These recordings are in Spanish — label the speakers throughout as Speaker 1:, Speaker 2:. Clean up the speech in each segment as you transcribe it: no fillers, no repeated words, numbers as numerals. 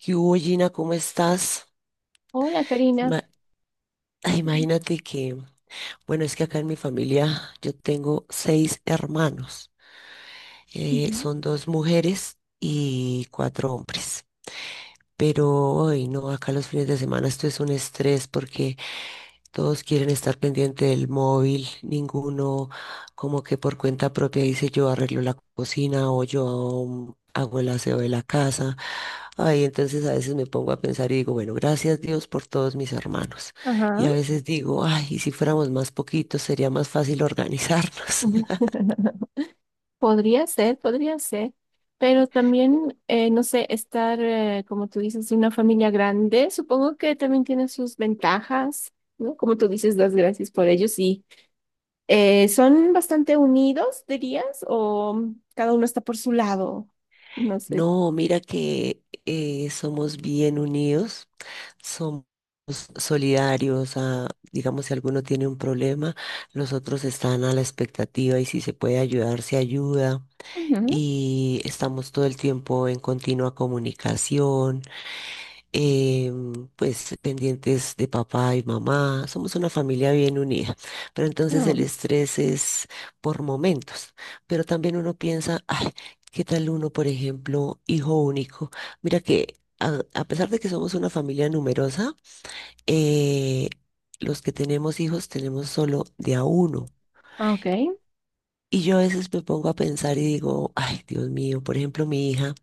Speaker 1: ¿Qué hubo, Gina? ¿Cómo estás?
Speaker 2: Hola, Karina.
Speaker 1: Ima- Ay,
Speaker 2: Mm,
Speaker 1: imagínate que, bueno, es que acá en mi familia yo tengo seis hermanos.
Speaker 2: ujú,
Speaker 1: Son dos mujeres y cuatro hombres. Pero hoy no, acá los fines de semana esto es un estrés porque todos quieren estar pendiente del móvil, ninguno como que por cuenta propia dice yo arreglo la cocina o yo hago el aseo de la casa. Ay, entonces a veces me pongo a pensar y digo, bueno, gracias Dios por todos mis hermanos. Y
Speaker 2: Ajá.
Speaker 1: a veces digo, ay, y si fuéramos más poquitos sería más fácil organizarnos.
Speaker 2: Podría ser, pero también, no sé, estar, como tú dices, en una familia grande, supongo que también tiene sus ventajas, ¿no? Como tú dices, das gracias por ellos y son bastante unidos, dirías, o cada uno está por su lado, no sé.
Speaker 1: No, mira que somos bien unidos. Somos solidarios a, digamos, si alguno tiene un problema, los otros están a la expectativa y si se puede ayudar, se ayuda.
Speaker 2: Ujú.
Speaker 1: Y estamos todo el tiempo en continua comunicación, pues pendientes de papá y mamá. Somos una familia bien unida, pero entonces el estrés es por momentos. Pero también uno piensa, ay, ¿qué tal uno, por ejemplo, hijo único? Mira que a pesar de que somos una familia numerosa, eh, los que tenemos hijos tenemos solo de a uno.
Speaker 2: Ah, ok,
Speaker 1: Y yo a veces me pongo a pensar y digo, ay, Dios mío, por ejemplo, mi hija,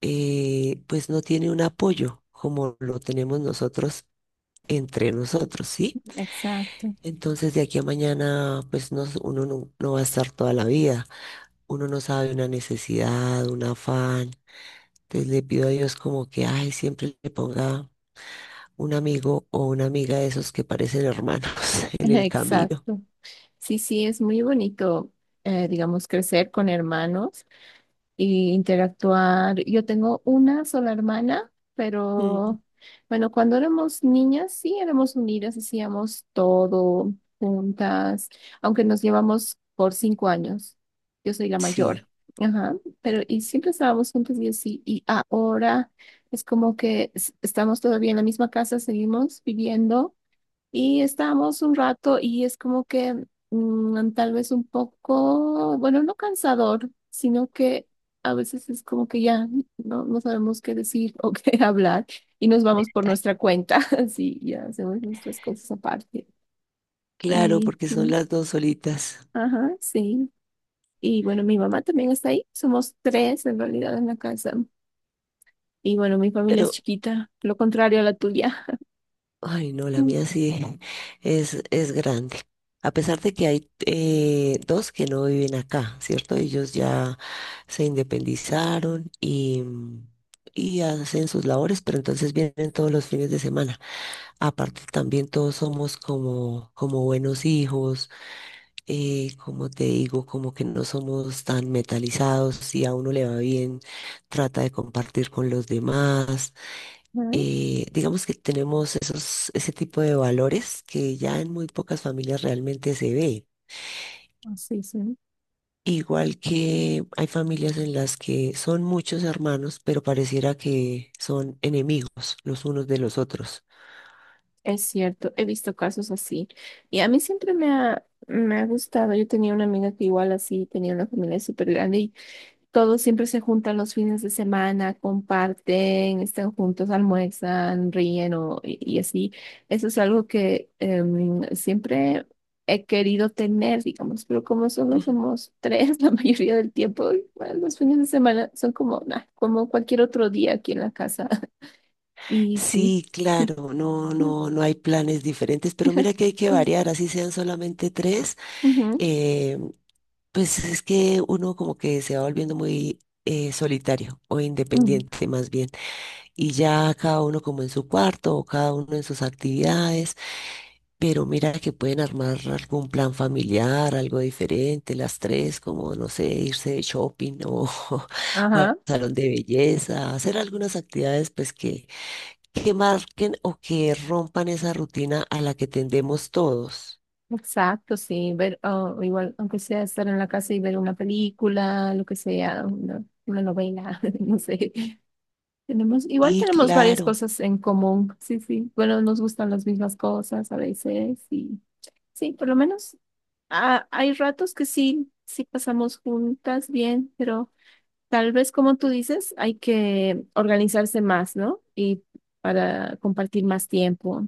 Speaker 1: pues no tiene un apoyo como lo tenemos nosotros entre nosotros, ¿sí?
Speaker 2: exacto,
Speaker 1: Entonces de aquí a mañana, pues no, uno no, no va a estar toda la vida, uno no sabe una necesidad, un afán. Entonces le pido a Dios como que, ay, siempre le ponga un amigo o una amiga de esos que parecen hermanos en el camino.
Speaker 2: exacto. Sí, sí, es muy bonito, digamos, crecer con hermanos. Y interactuar. Yo tengo una sola hermana, pero bueno, cuando éramos niñas sí éramos unidas, hacíamos todo juntas, aunque nos llevamos por 5 años. Yo soy la mayor.
Speaker 1: Sí,
Speaker 2: Ajá, pero y siempre estábamos juntos y así, y ahora es como que estamos todavía en la misma casa, seguimos viviendo y estábamos un rato y es como que tal vez un poco, bueno, no cansador, sino que a veces es como que ya no sabemos qué decir o qué hablar y nos vamos por nuestra cuenta, así ya hacemos nuestras cosas aparte.
Speaker 1: claro,
Speaker 2: Y,
Speaker 1: porque son las dos solitas.
Speaker 2: ajá, sí. Y bueno, mi mamá también está ahí, somos tres en realidad en la casa. Y bueno, mi familia
Speaker 1: Pero,
Speaker 2: es chiquita, lo contrario a la tuya.
Speaker 1: ay, no, la mía sí es grande. A pesar de que hay dos que no viven acá, ¿cierto? Ellos ya se independizaron y, mm, y hacen sus labores, pero entonces vienen todos los fines de semana. Aparte, también todos somos como, como buenos hijos, como te digo, como que no somos tan metalizados. Si a uno le va bien, trata de compartir con los demás.
Speaker 2: Ujú,
Speaker 1: Digamos que tenemos esos, ese tipo de valores que ya en muy pocas familias realmente se ve.
Speaker 2: así, sí.
Speaker 1: Igual que hay familias en las que son muchos hermanos, pero pareciera que son enemigos los unos de los otros.
Speaker 2: Es cierto, he visto casos así. Y a mí siempre me ha gustado. Yo tenía una amiga que igual así tenía una familia súper grande y todos siempre se juntan los fines de semana, comparten, están juntos, almuerzan, ríen o, y así. Eso es algo que siempre he querido tener, digamos, pero como solo somos tres la mayoría del tiempo, igual los fines de semana son como, nah, como cualquier otro día aquí en la casa. Y sí.
Speaker 1: Sí, claro, no, no, no hay planes diferentes, pero mira que hay que variar, así sean solamente tres.
Speaker 2: Ujú,
Speaker 1: eh, pues es que uno como que se va volviendo muy solitario o
Speaker 2: ujú.
Speaker 1: independiente más bien, y ya cada uno como en su cuarto o cada uno en sus actividades, pero mira que pueden armar algún plan familiar, algo diferente, las tres, como no sé, irse de shopping o, o al
Speaker 2: Ajá,
Speaker 1: salón de belleza, hacer algunas actividades pues que marquen o que rompan esa rutina a la que tendemos todos.
Speaker 2: exacto, sí, ver, o igual, aunque sea estar en la casa y ver una película, lo que sea, una novela, no sé. Tenemos, igual
Speaker 1: Y
Speaker 2: tenemos varias
Speaker 1: claro,
Speaker 2: cosas en común, sí, sí. Bueno, nos gustan las mismas cosas a veces y sí, por lo menos hay ratos que sí, sí pasamos juntas bien, pero tal vez como tú dices, hay que organizarse más, ¿no? Y para compartir más tiempo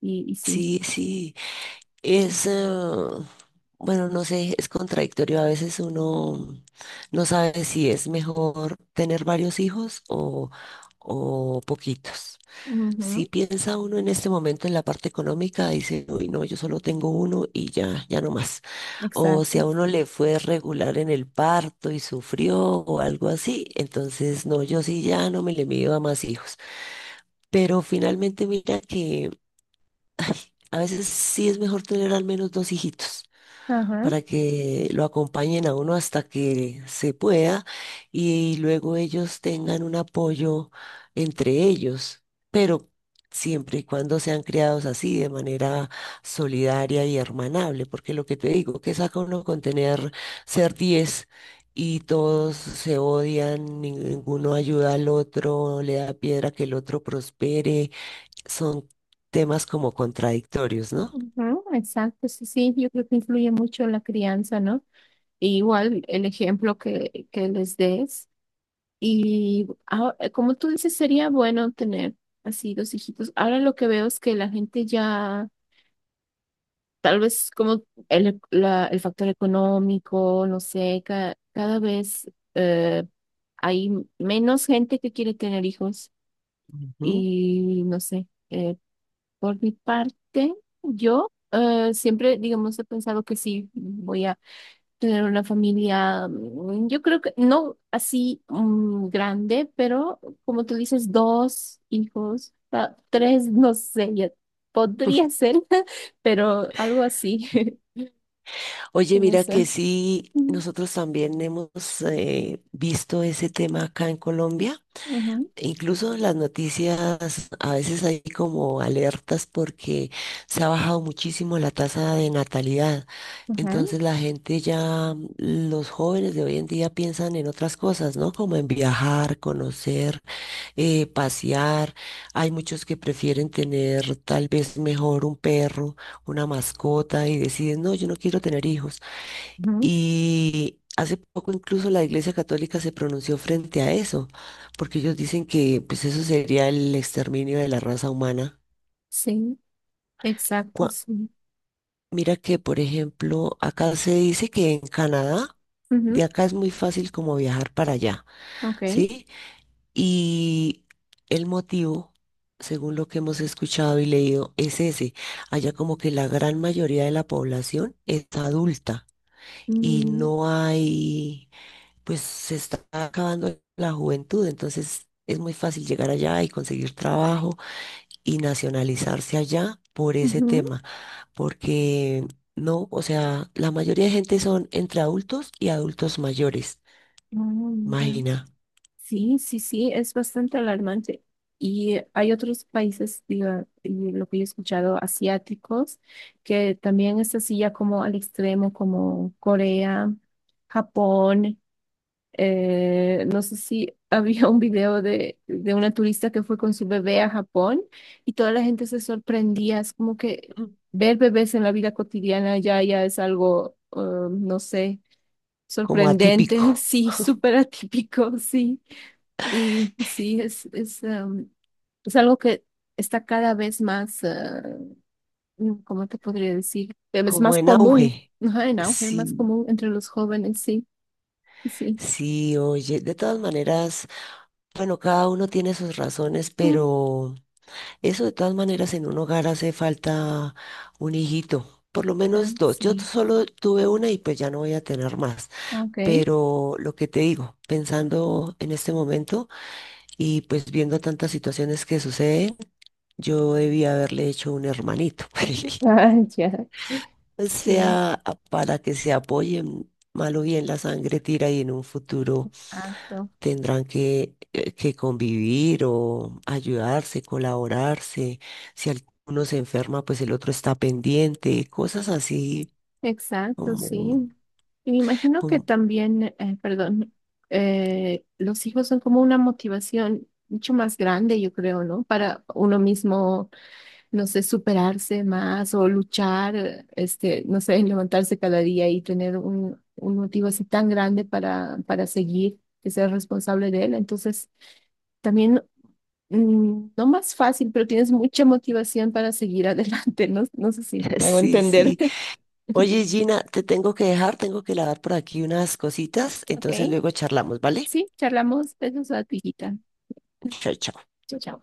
Speaker 2: y sí.
Speaker 1: sí, sí. Es, bueno, no sé, es contradictorio. A veces uno no sabe si es mejor tener varios hijos o poquitos. Si piensa uno en este momento en la parte económica, dice, uy, no, yo solo tengo uno y ya, ya no más. O si
Speaker 2: Exacto.
Speaker 1: a uno le fue regular en el parto y sufrió o algo así, entonces no, yo sí ya no me le mido a más hijos. Pero finalmente mira que a veces sí es mejor tener al menos dos hijitos
Speaker 2: Ajá,
Speaker 1: para que lo acompañen a uno hasta que se pueda y luego ellos tengan un apoyo entre ellos, pero siempre y cuando sean criados así, de manera solidaria y hermanable, porque lo que te digo, que saca uno con tener, ser 10 y todos se odian, ninguno ayuda al otro, le da piedra que el otro prospere, son temas como contradictorios, ¿no?
Speaker 2: ujú, exacto. Sí, sí, yo creo que influye mucho la crianza, ¿no? Y igual el ejemplo que les des. Y como tú dices, sería bueno tener así dos hijitos. Ahora lo que veo es que la gente ya, tal vez como el factor económico, no sé, cada vez hay menos gente que quiere tener hijos
Speaker 1: Ujú.
Speaker 2: y no sé. Por mi parte, yo siempre, digamos, he pensado que sí, voy a tener una familia, yo creo que no así grande, pero como tú dices, dos hijos, tres, no sé, ya podría ser, pero algo así,
Speaker 1: Oye,
Speaker 2: no
Speaker 1: mira
Speaker 2: sé.
Speaker 1: que sí,
Speaker 2: Mm,
Speaker 1: nosotros también hemos visto ese tema acá en Colombia.
Speaker 2: ujú,
Speaker 1: E incluso en las noticias a veces hay como alertas porque se ha bajado muchísimo la tasa de natalidad.
Speaker 2: ujú,
Speaker 1: Entonces la gente ya, los jóvenes de hoy en día piensan en otras cosas, ¿no? Como en viajar, conocer, pasear. Hay muchos que prefieren tener tal vez mejor un perro, una mascota y deciden, no, yo no quiero tener hijos.
Speaker 2: ujú.
Speaker 1: Y hace poco incluso la Iglesia Católica se pronunció frente a eso, porque ellos dicen que pues eso sería el exterminio de la raza humana.
Speaker 2: Sí, exacto,
Speaker 1: Cua-
Speaker 2: sí.
Speaker 1: Mira que, por ejemplo, acá se dice que en Canadá, de
Speaker 2: Ujú,
Speaker 1: acá es muy fácil como viajar para allá,
Speaker 2: ok.
Speaker 1: ¿sí? Y el motivo, según lo que hemos escuchado y leído, es ese. Allá como que la gran mayoría de la población es adulta y
Speaker 2: Mm,
Speaker 1: no hay, pues se está acabando la juventud, entonces es muy fácil llegar allá y conseguir trabajo y nacionalizarse allá por ese
Speaker 2: ujú.
Speaker 1: tema, porque no, o sea, la mayoría de gente son entre adultos y adultos mayores,
Speaker 2: Ah, mira.
Speaker 1: imagina.
Speaker 2: Sí, sí, sí, es bastante alarmante. Y hay otros países, diga, y lo que yo he escuchado, asiáticos, que también es así ya como al extremo, como Corea, Japón. No sé si había un video de una turista que fue con su bebé a Japón y toda la gente se sorprendía. Es como que
Speaker 1: Mm.
Speaker 2: ver bebés en la vida cotidiana ya, ya es algo, no sé,
Speaker 1: Como
Speaker 2: sorprendente,
Speaker 1: atípico,
Speaker 2: sí, súper atípico, sí. Y sí, es algo que está cada vez más, ¿cómo te podría decir? Es
Speaker 1: como
Speaker 2: más
Speaker 1: en
Speaker 2: común,
Speaker 1: auge.
Speaker 2: ajá, en auge, más
Speaker 1: Sí,
Speaker 2: común entre los jóvenes, sí, sí.
Speaker 1: sí, oye, de todas maneras, bueno, cada uno tiene sus razones,
Speaker 2: Mm,
Speaker 1: pero... Eso de todas maneras en un hogar hace falta un hijito, por lo
Speaker 2: ya,
Speaker 1: menos dos. Yo
Speaker 2: sí.
Speaker 1: solo tuve una y pues ya no voy a tener más.
Speaker 2: Ok.
Speaker 1: Pero lo que te digo, pensando en este momento y pues viendo tantas situaciones que suceden, yo debía haberle hecho un hermanito.
Speaker 2: Ah, ya.
Speaker 1: O
Speaker 2: Sí,
Speaker 1: sea, para que se apoyen, mal o bien la sangre tira y en un futuro
Speaker 2: exacto,
Speaker 1: tendrán que convivir o ayudarse, colaborarse. Si alguno se enferma, pues el otro está pendiente, cosas así
Speaker 2: exacto,
Speaker 1: como,
Speaker 2: sí. Y me imagino que
Speaker 1: como...
Speaker 2: también, perdón, los hijos son como una motivación mucho más grande, yo creo, ¿no? Para uno mismo no sé, superarse más o luchar, este, no sé, en levantarse cada día y tener un motivo así tan grande para seguir, que ser responsable de él. Entonces, también, no más fácil, pero tienes mucha motivación para seguir adelante. No, no sé si me hago
Speaker 1: Sí,
Speaker 2: entender.
Speaker 1: sí. Oye, Gina, te tengo que dejar, tengo que lavar por aquí unas cositas, entonces
Speaker 2: Ok,
Speaker 1: luego charlamos, ¿vale?
Speaker 2: sí, charlamos. Besos a tu hijita.
Speaker 1: Chao, chao.
Speaker 2: Chao, chao.